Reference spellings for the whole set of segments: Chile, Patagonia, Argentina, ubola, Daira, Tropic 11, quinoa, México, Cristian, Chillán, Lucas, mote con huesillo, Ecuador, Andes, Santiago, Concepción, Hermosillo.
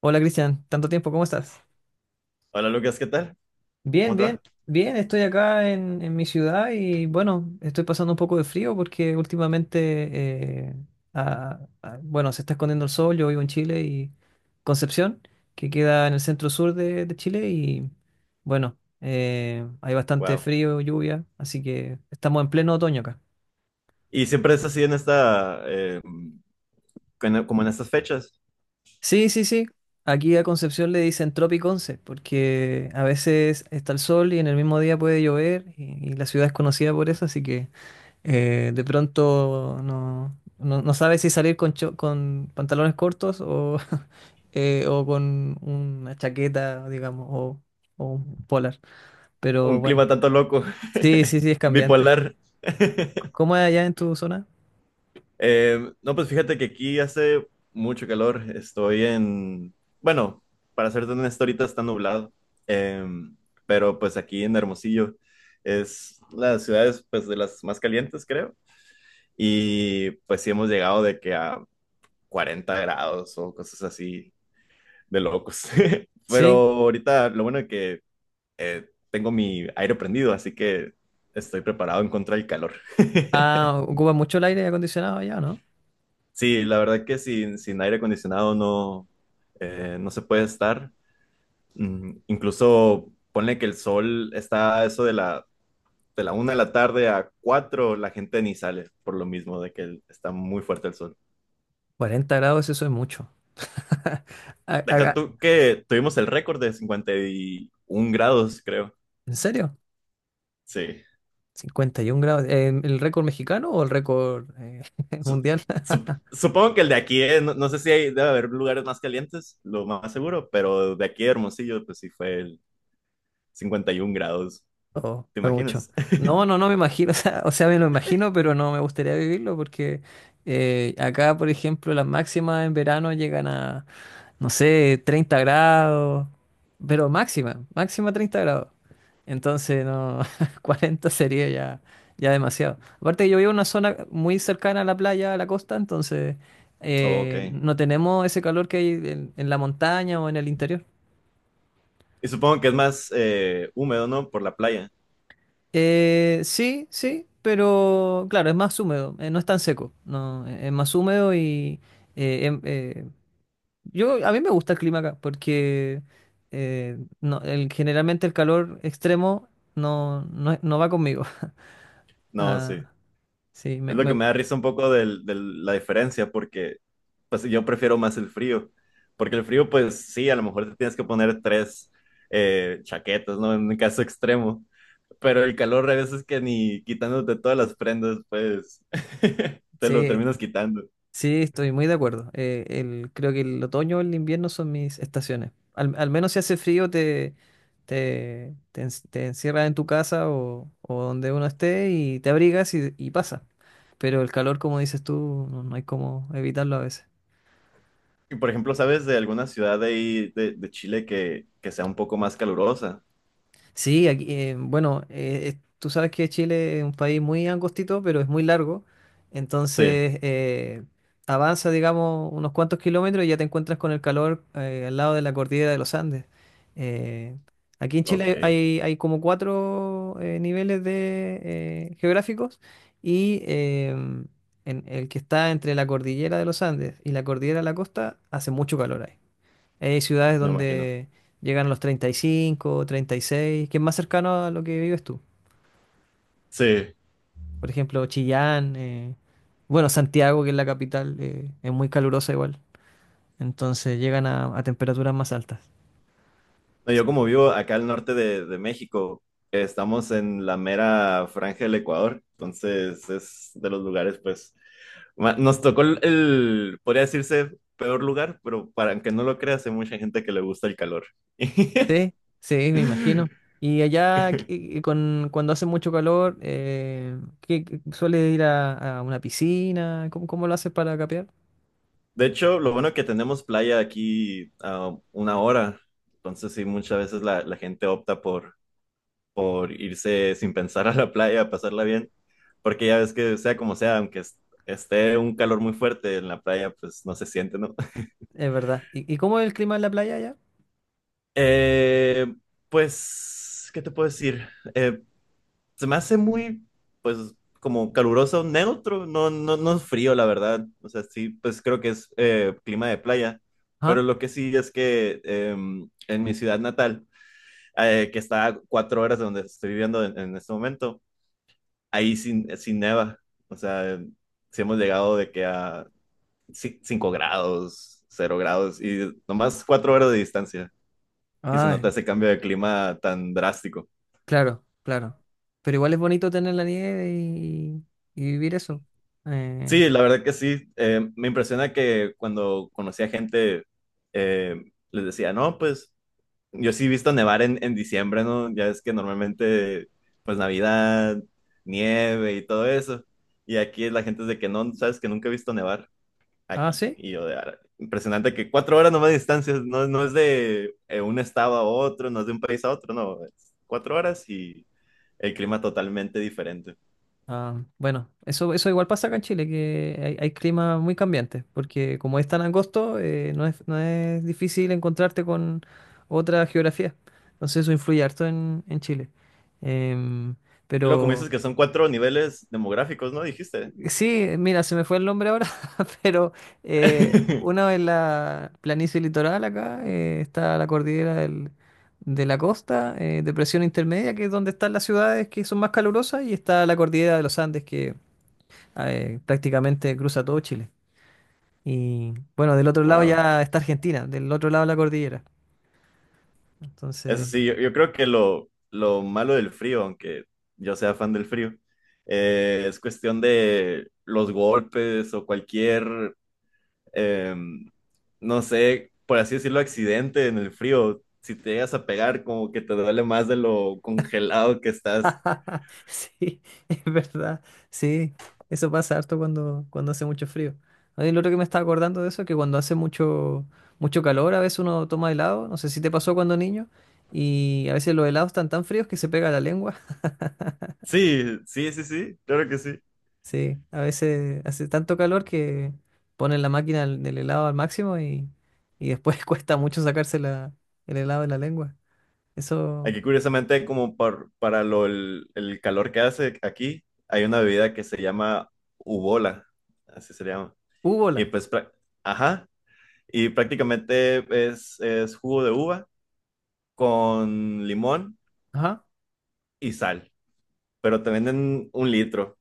Hola Cristian, tanto tiempo, ¿cómo estás? Hola Lucas, ¿qué tal? Bien, ¿Cómo te bien, va? bien, estoy acá en mi ciudad y bueno, estoy pasando un poco de frío porque últimamente, bueno, se está escondiendo el sol, yo vivo en Chile y Concepción, que queda en el centro sur de Chile y bueno, hay bastante Wow. frío, lluvia, así que estamos en pleno otoño acá. Y siempre es así como en estas fechas, Sí, sí, sí. Aquí a Concepción le dicen Tropic 11, porque a veces está el sol y en el mismo día puede llover y la ciudad es conocida por eso, así que de pronto no sabes si salir con, con pantalones cortos o, o con una chaqueta, digamos, o un polar. Pero un bueno, clima tanto loco, sí, sí, sí, es cambiante. bipolar. ¿Cómo es allá en tu zona? No, pues fíjate que aquí hace mucho calor. Estoy en, bueno, para serte honesto, ahorita está nublado. Eh, pero pues aquí en Hermosillo es las ciudades pues de las más calientes, creo. Y pues sí hemos llegado de que a 40 grados o cosas así. De locos. Pero Sí. ahorita lo bueno es que tengo mi aire prendido, así que estoy preparado en contra del calor. Ah, ocupa mucho el aire acondicionado allá, ¿no? Sí, la verdad que sin aire acondicionado no se puede estar. Incluso ponle que el sol está a eso de la, una de la tarde a cuatro, la gente ni sale por lo mismo de que está muy fuerte el sol. 40 grados, eso es mucho. A- Deja a- tú que tuvimos el récord de 51 grados, creo. ¿En serio? Sí. 51 grados. ¿El récord mexicano o el récord Su- mundial? sup- supongo que el de aquí, no, no sé si hay, debe haber lugares más calientes, lo más seguro, pero de aquí de Hermosillo, pues sí fue el 51 grados, Oh, ¿te fue mucho. imaginas? No me imagino. O sea, me lo imagino, pero no me gustaría vivirlo porque acá, por ejemplo, las máximas en verano llegan a no sé, 30 grados, pero máxima, máxima 30 grados. Entonces, no, 40 sería ya, ya demasiado. Aparte, yo vivo en una zona muy cercana a la playa, a la costa, entonces Ok. No tenemos ese calor que hay en la montaña o en el interior. Y supongo que es más húmedo, ¿no? Por la playa. Sí, sí, pero claro, es más húmedo, no es tan seco, no, es más húmedo y... eh, em- eh, Yo, a mí me gusta el clima acá porque no, el, generalmente el calor extremo no va conmigo. No, sí. Ah, sí, Es lo que me da risa un poco de la diferencia, porque pues yo prefiero más el frío, porque el frío, pues sí, a lo mejor te tienes que poner tres chaquetas, ¿no? En un caso extremo, pero el calor a veces que ni quitándote todas las prendas, pues te lo sí, terminas quitando. sí, estoy muy de acuerdo. Creo que el otoño o el invierno son mis estaciones. Al menos si hace frío te encierras en tu casa o donde uno esté y te abrigas y pasa. Pero el calor, como dices tú, no, no hay cómo evitarlo a veces. Y por ejemplo, ¿sabes de alguna ciudad de ahí de Chile que sea un poco más calurosa? Sí, aquí, bueno, tú sabes que Chile es un país muy angostito, pero es muy largo. Sí, Entonces, avanza, digamos, unos cuantos kilómetros y ya te encuentras con el calor al lado de la cordillera de los Andes. Eh, aquí en ok, Chile hay, hay como cuatro niveles de, geográficos y en el que está entre la cordillera de los Andes y la cordillera de la costa hace mucho calor ahí. Hay ciudades me imagino. donde llegan los treinta treinta y cinco treinta y seis que es más cercano a lo que vives tú. Sí. Por ejemplo, Chillán, bueno, Santiago, que es la capital, es muy calurosa igual. Entonces llegan a temperaturas más altas. No, yo Sí, como vivo acá al norte de México, estamos en la mera franja del Ecuador, entonces es de los lugares pues Nos tocó el, podría decirse, peor lugar, pero para que no lo creas, hay mucha gente que le gusta el calor. sí, sí, me imagino. Y allá, cuando hace mucho calor, ¿sueles ir a una piscina? ¿Cómo, cómo lo haces para capear? De hecho, lo bueno que tenemos playa aquí a 1 hora, entonces sí, muchas veces la gente opta por irse sin pensar a la playa, a pasarla bien, porque ya ves que sea como sea, aunque esté un calor muy fuerte en la playa, pues no se siente, ¿no? Es verdad. Y cómo es el clima en la playa allá? Eh, pues, ¿qué te puedo decir? Eh, Se me hace muy, pues, como caluroso, neutro, no, no, no es frío, la verdad. O sea, sí, pues creo que es clima de playa. Pero Ajá. lo que sí es que en mi ciudad natal, que está a 4 horas de donde estoy viviendo en este momento, ahí sin neva. O sea, sí hemos llegado de que a 5 grados, 0 grados, y nomás 4 horas de distancia. Y se Ah, nota ese cambio de clima tan drástico. claro, claro. Pero igual es bonito tener la nieve y vivir eso. Eh, Sí, la verdad que sí. Me impresiona que cuando conocía gente, eh, les decía, no, pues yo sí he visto nevar en diciembre, ¿no? Ya es que normalmente, pues Navidad, nieve y todo eso. Y aquí la gente es de que no, sabes que nunca he visto nevar ah, aquí. sí. Y yo de, "Ara". Impresionante que 4 horas nomás de distancia, no, no es de un estado a otro, no es de un país a otro, no, es 4 horas y el clima totalmente diferente. Ah, bueno, eso igual pasa acá en Chile, que hay climas muy cambiantes, porque como es tan angosto, no es, no es difícil encontrarte con otra geografía. Entonces eso influye harto en Chile. Em, Luego, como pero... dices que son cuatro niveles demográficos, ¿no? Dijiste. Sí, mira, se me fue el nombre ahora, pero una en la planicie litoral acá está la cordillera de la costa, depresión intermedia, que es donde están las ciudades que son más calurosas, y está la cordillera de los Andes, que prácticamente cruza todo Chile. Y bueno, del otro lado Wow. ya está Argentina, del otro lado de la cordillera. Eso Entonces. sí, yo creo que lo malo del frío, aunque yo sea fan del frío, es cuestión de los golpes o cualquier, em, no sé, por así decirlo, accidente en el frío. Si te llegas a pegar, como que te duele más de lo congelado que estás. Sí, es verdad. Sí, eso pasa harto cuando, cuando hace mucho frío. Oye, lo otro que me estaba acordando de eso, es que cuando hace mucho, mucho calor, a veces uno toma helado, no sé si te pasó cuando niño, y a veces los helados están tan fríos que se pega la lengua. Sí, sí, sí, sí, claro que sí. Sí, a veces hace tanto calor que ponen la máquina del helado al máximo y después cuesta mucho sacarse la, el helado de la lengua. Eso, Aquí, curiosamente, como para el calor que hace aquí, hay una bebida que se llama ubola, así se llama. hubo Y la, pues, ajá, y prácticamente es jugo de uva con limón ajá, y sal, pero te venden 1 litro.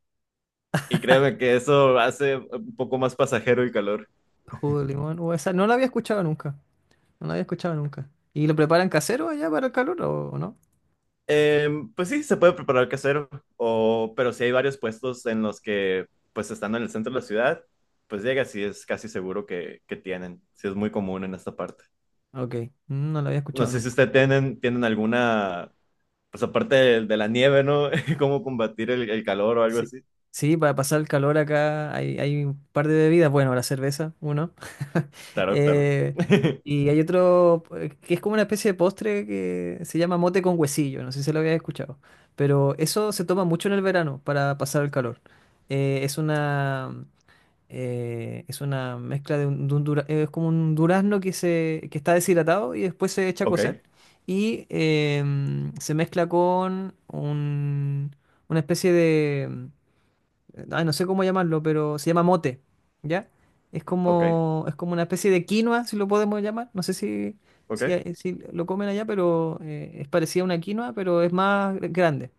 Y créeme que eso hace un poco más pasajero y calor. jugo de limón, esa no la había escuchado nunca. No lo había escuchado nunca. ¿Y lo preparan casero allá para el calor o no? Pues sí, se puede preparar casero, pero si hay varios puestos en los que, pues estando en el centro de la ciudad, pues llega, sí es casi seguro que, sí es muy común en esta parte. Ok, mm, no lo había No escuchado sé si nunca. ustedes tienen alguna, pues aparte de la nieve, ¿no? ¿Cómo combatir el calor o algo Sí. así? Sí, para pasar el calor acá hay, hay un par de bebidas. Bueno, la cerveza, uno. Claro, claro. Eh, y hay otro que es como una especie de postre que se llama mote con huesillo. No sé si lo habías escuchado. Pero eso se toma mucho en el verano para pasar el calor. Es una. Es una mezcla de un es como un durazno que se que está deshidratado y después se echa a Ok, cocer y se mezcla con una especie de ay, no sé cómo llamarlo, pero se llama mote, ¿ya? Ok, Es como una especie de quinoa, si lo podemos llamar, no sé si ok. si lo comen allá, pero es parecida a una quinoa, pero es más grande.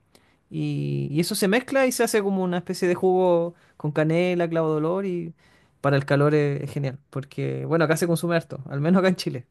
Y eso se mezcla y se hace como una especie de jugo con canela, clavo de olor y para el calor es genial, porque bueno, acá se consume harto, al menos acá en Chile.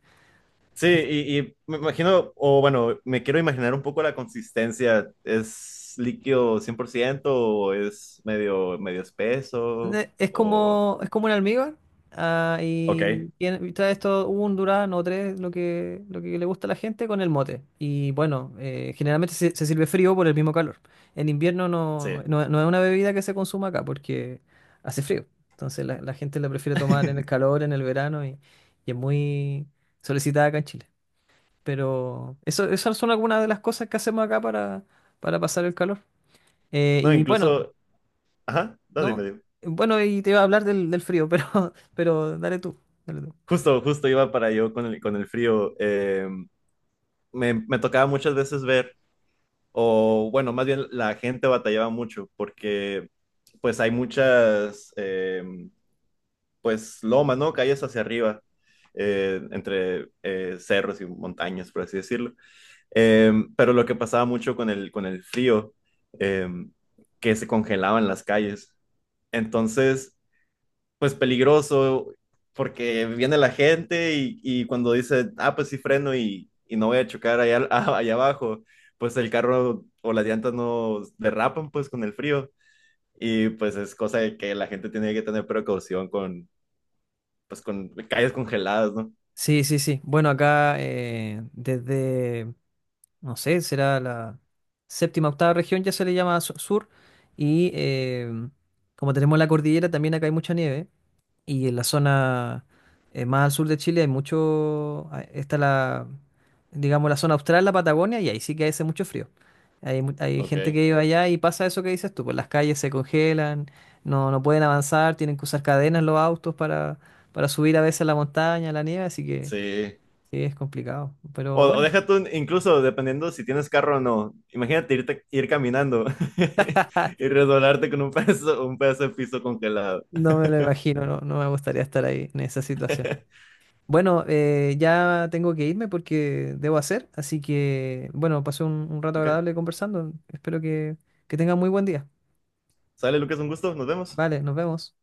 Sí, y me imagino, o bueno, me quiero imaginar un poco la consistencia. ¿Es líquido 100% o es medio espeso? O... Es como un almíbar. Ah, Ok, y trae esto un durazno o tres, lo que le gusta a la gente, con el mote. Y bueno, generalmente se, se sirve frío por el mismo calor. En invierno sí. No es una bebida que se consuma acá porque hace frío. Entonces la gente la prefiere tomar en el calor, en el verano y es muy solicitada acá en Chile. Pero eso, esas son algunas de las cosas que hacemos acá para pasar el calor. No, Y bueno. incluso... Ajá, no, dime, No, dime. bueno, y te iba a hablar del, del frío, pero, pero dale tú, dale tú. Justo, justo iba para yo con el frío. Me tocaba muchas veces ver, o bueno, más bien la gente batallaba mucho porque pues hay pues loma, ¿no? Calles hacia arriba, entre cerros y montañas, por así decirlo. Pero lo que pasaba mucho con el frío, eh, que se congelaban las calles. Entonces, pues peligroso, porque viene la gente y cuando dice, ah, pues sí freno y no voy a chocar allá, allá abajo, pues el carro o las llantas no derrapan pues con el frío. Y pues es cosa de que la gente tiene que tener precaución con, pues con calles congeladas, ¿no? Sí, sí, sí. Bueno, acá desde no sé, será la séptima, octava región, ya se le llama sur. Y como tenemos la cordillera, también acá hay mucha nieve. Y en la zona más al sur de Chile hay mucho, ah, está la, digamos, la zona austral, la Patagonia, y ahí sí que hace mucho frío. Hay, hay gente que Ok. vive allá y pasa eso que dices tú, pues las calles se congelan, no, no pueden avanzar, tienen que usar cadenas los autos para subir a veces a la montaña, a la nieve, así que Sí. sí, es complicado. Pero O bueno. deja tú, incluso dependiendo si tienes carro o no, imagínate irte, ir caminando y resbalarte con un pedazo de piso congelado. No me lo imagino, no, no me gustaría estar ahí en esa situación. Bueno, ya tengo que irme porque debo hacer, así que bueno, pasé un rato Ok, agradable conversando. Espero que tengan muy buen día. sale Lucas, un gusto, nos vemos. Vale, nos vemos.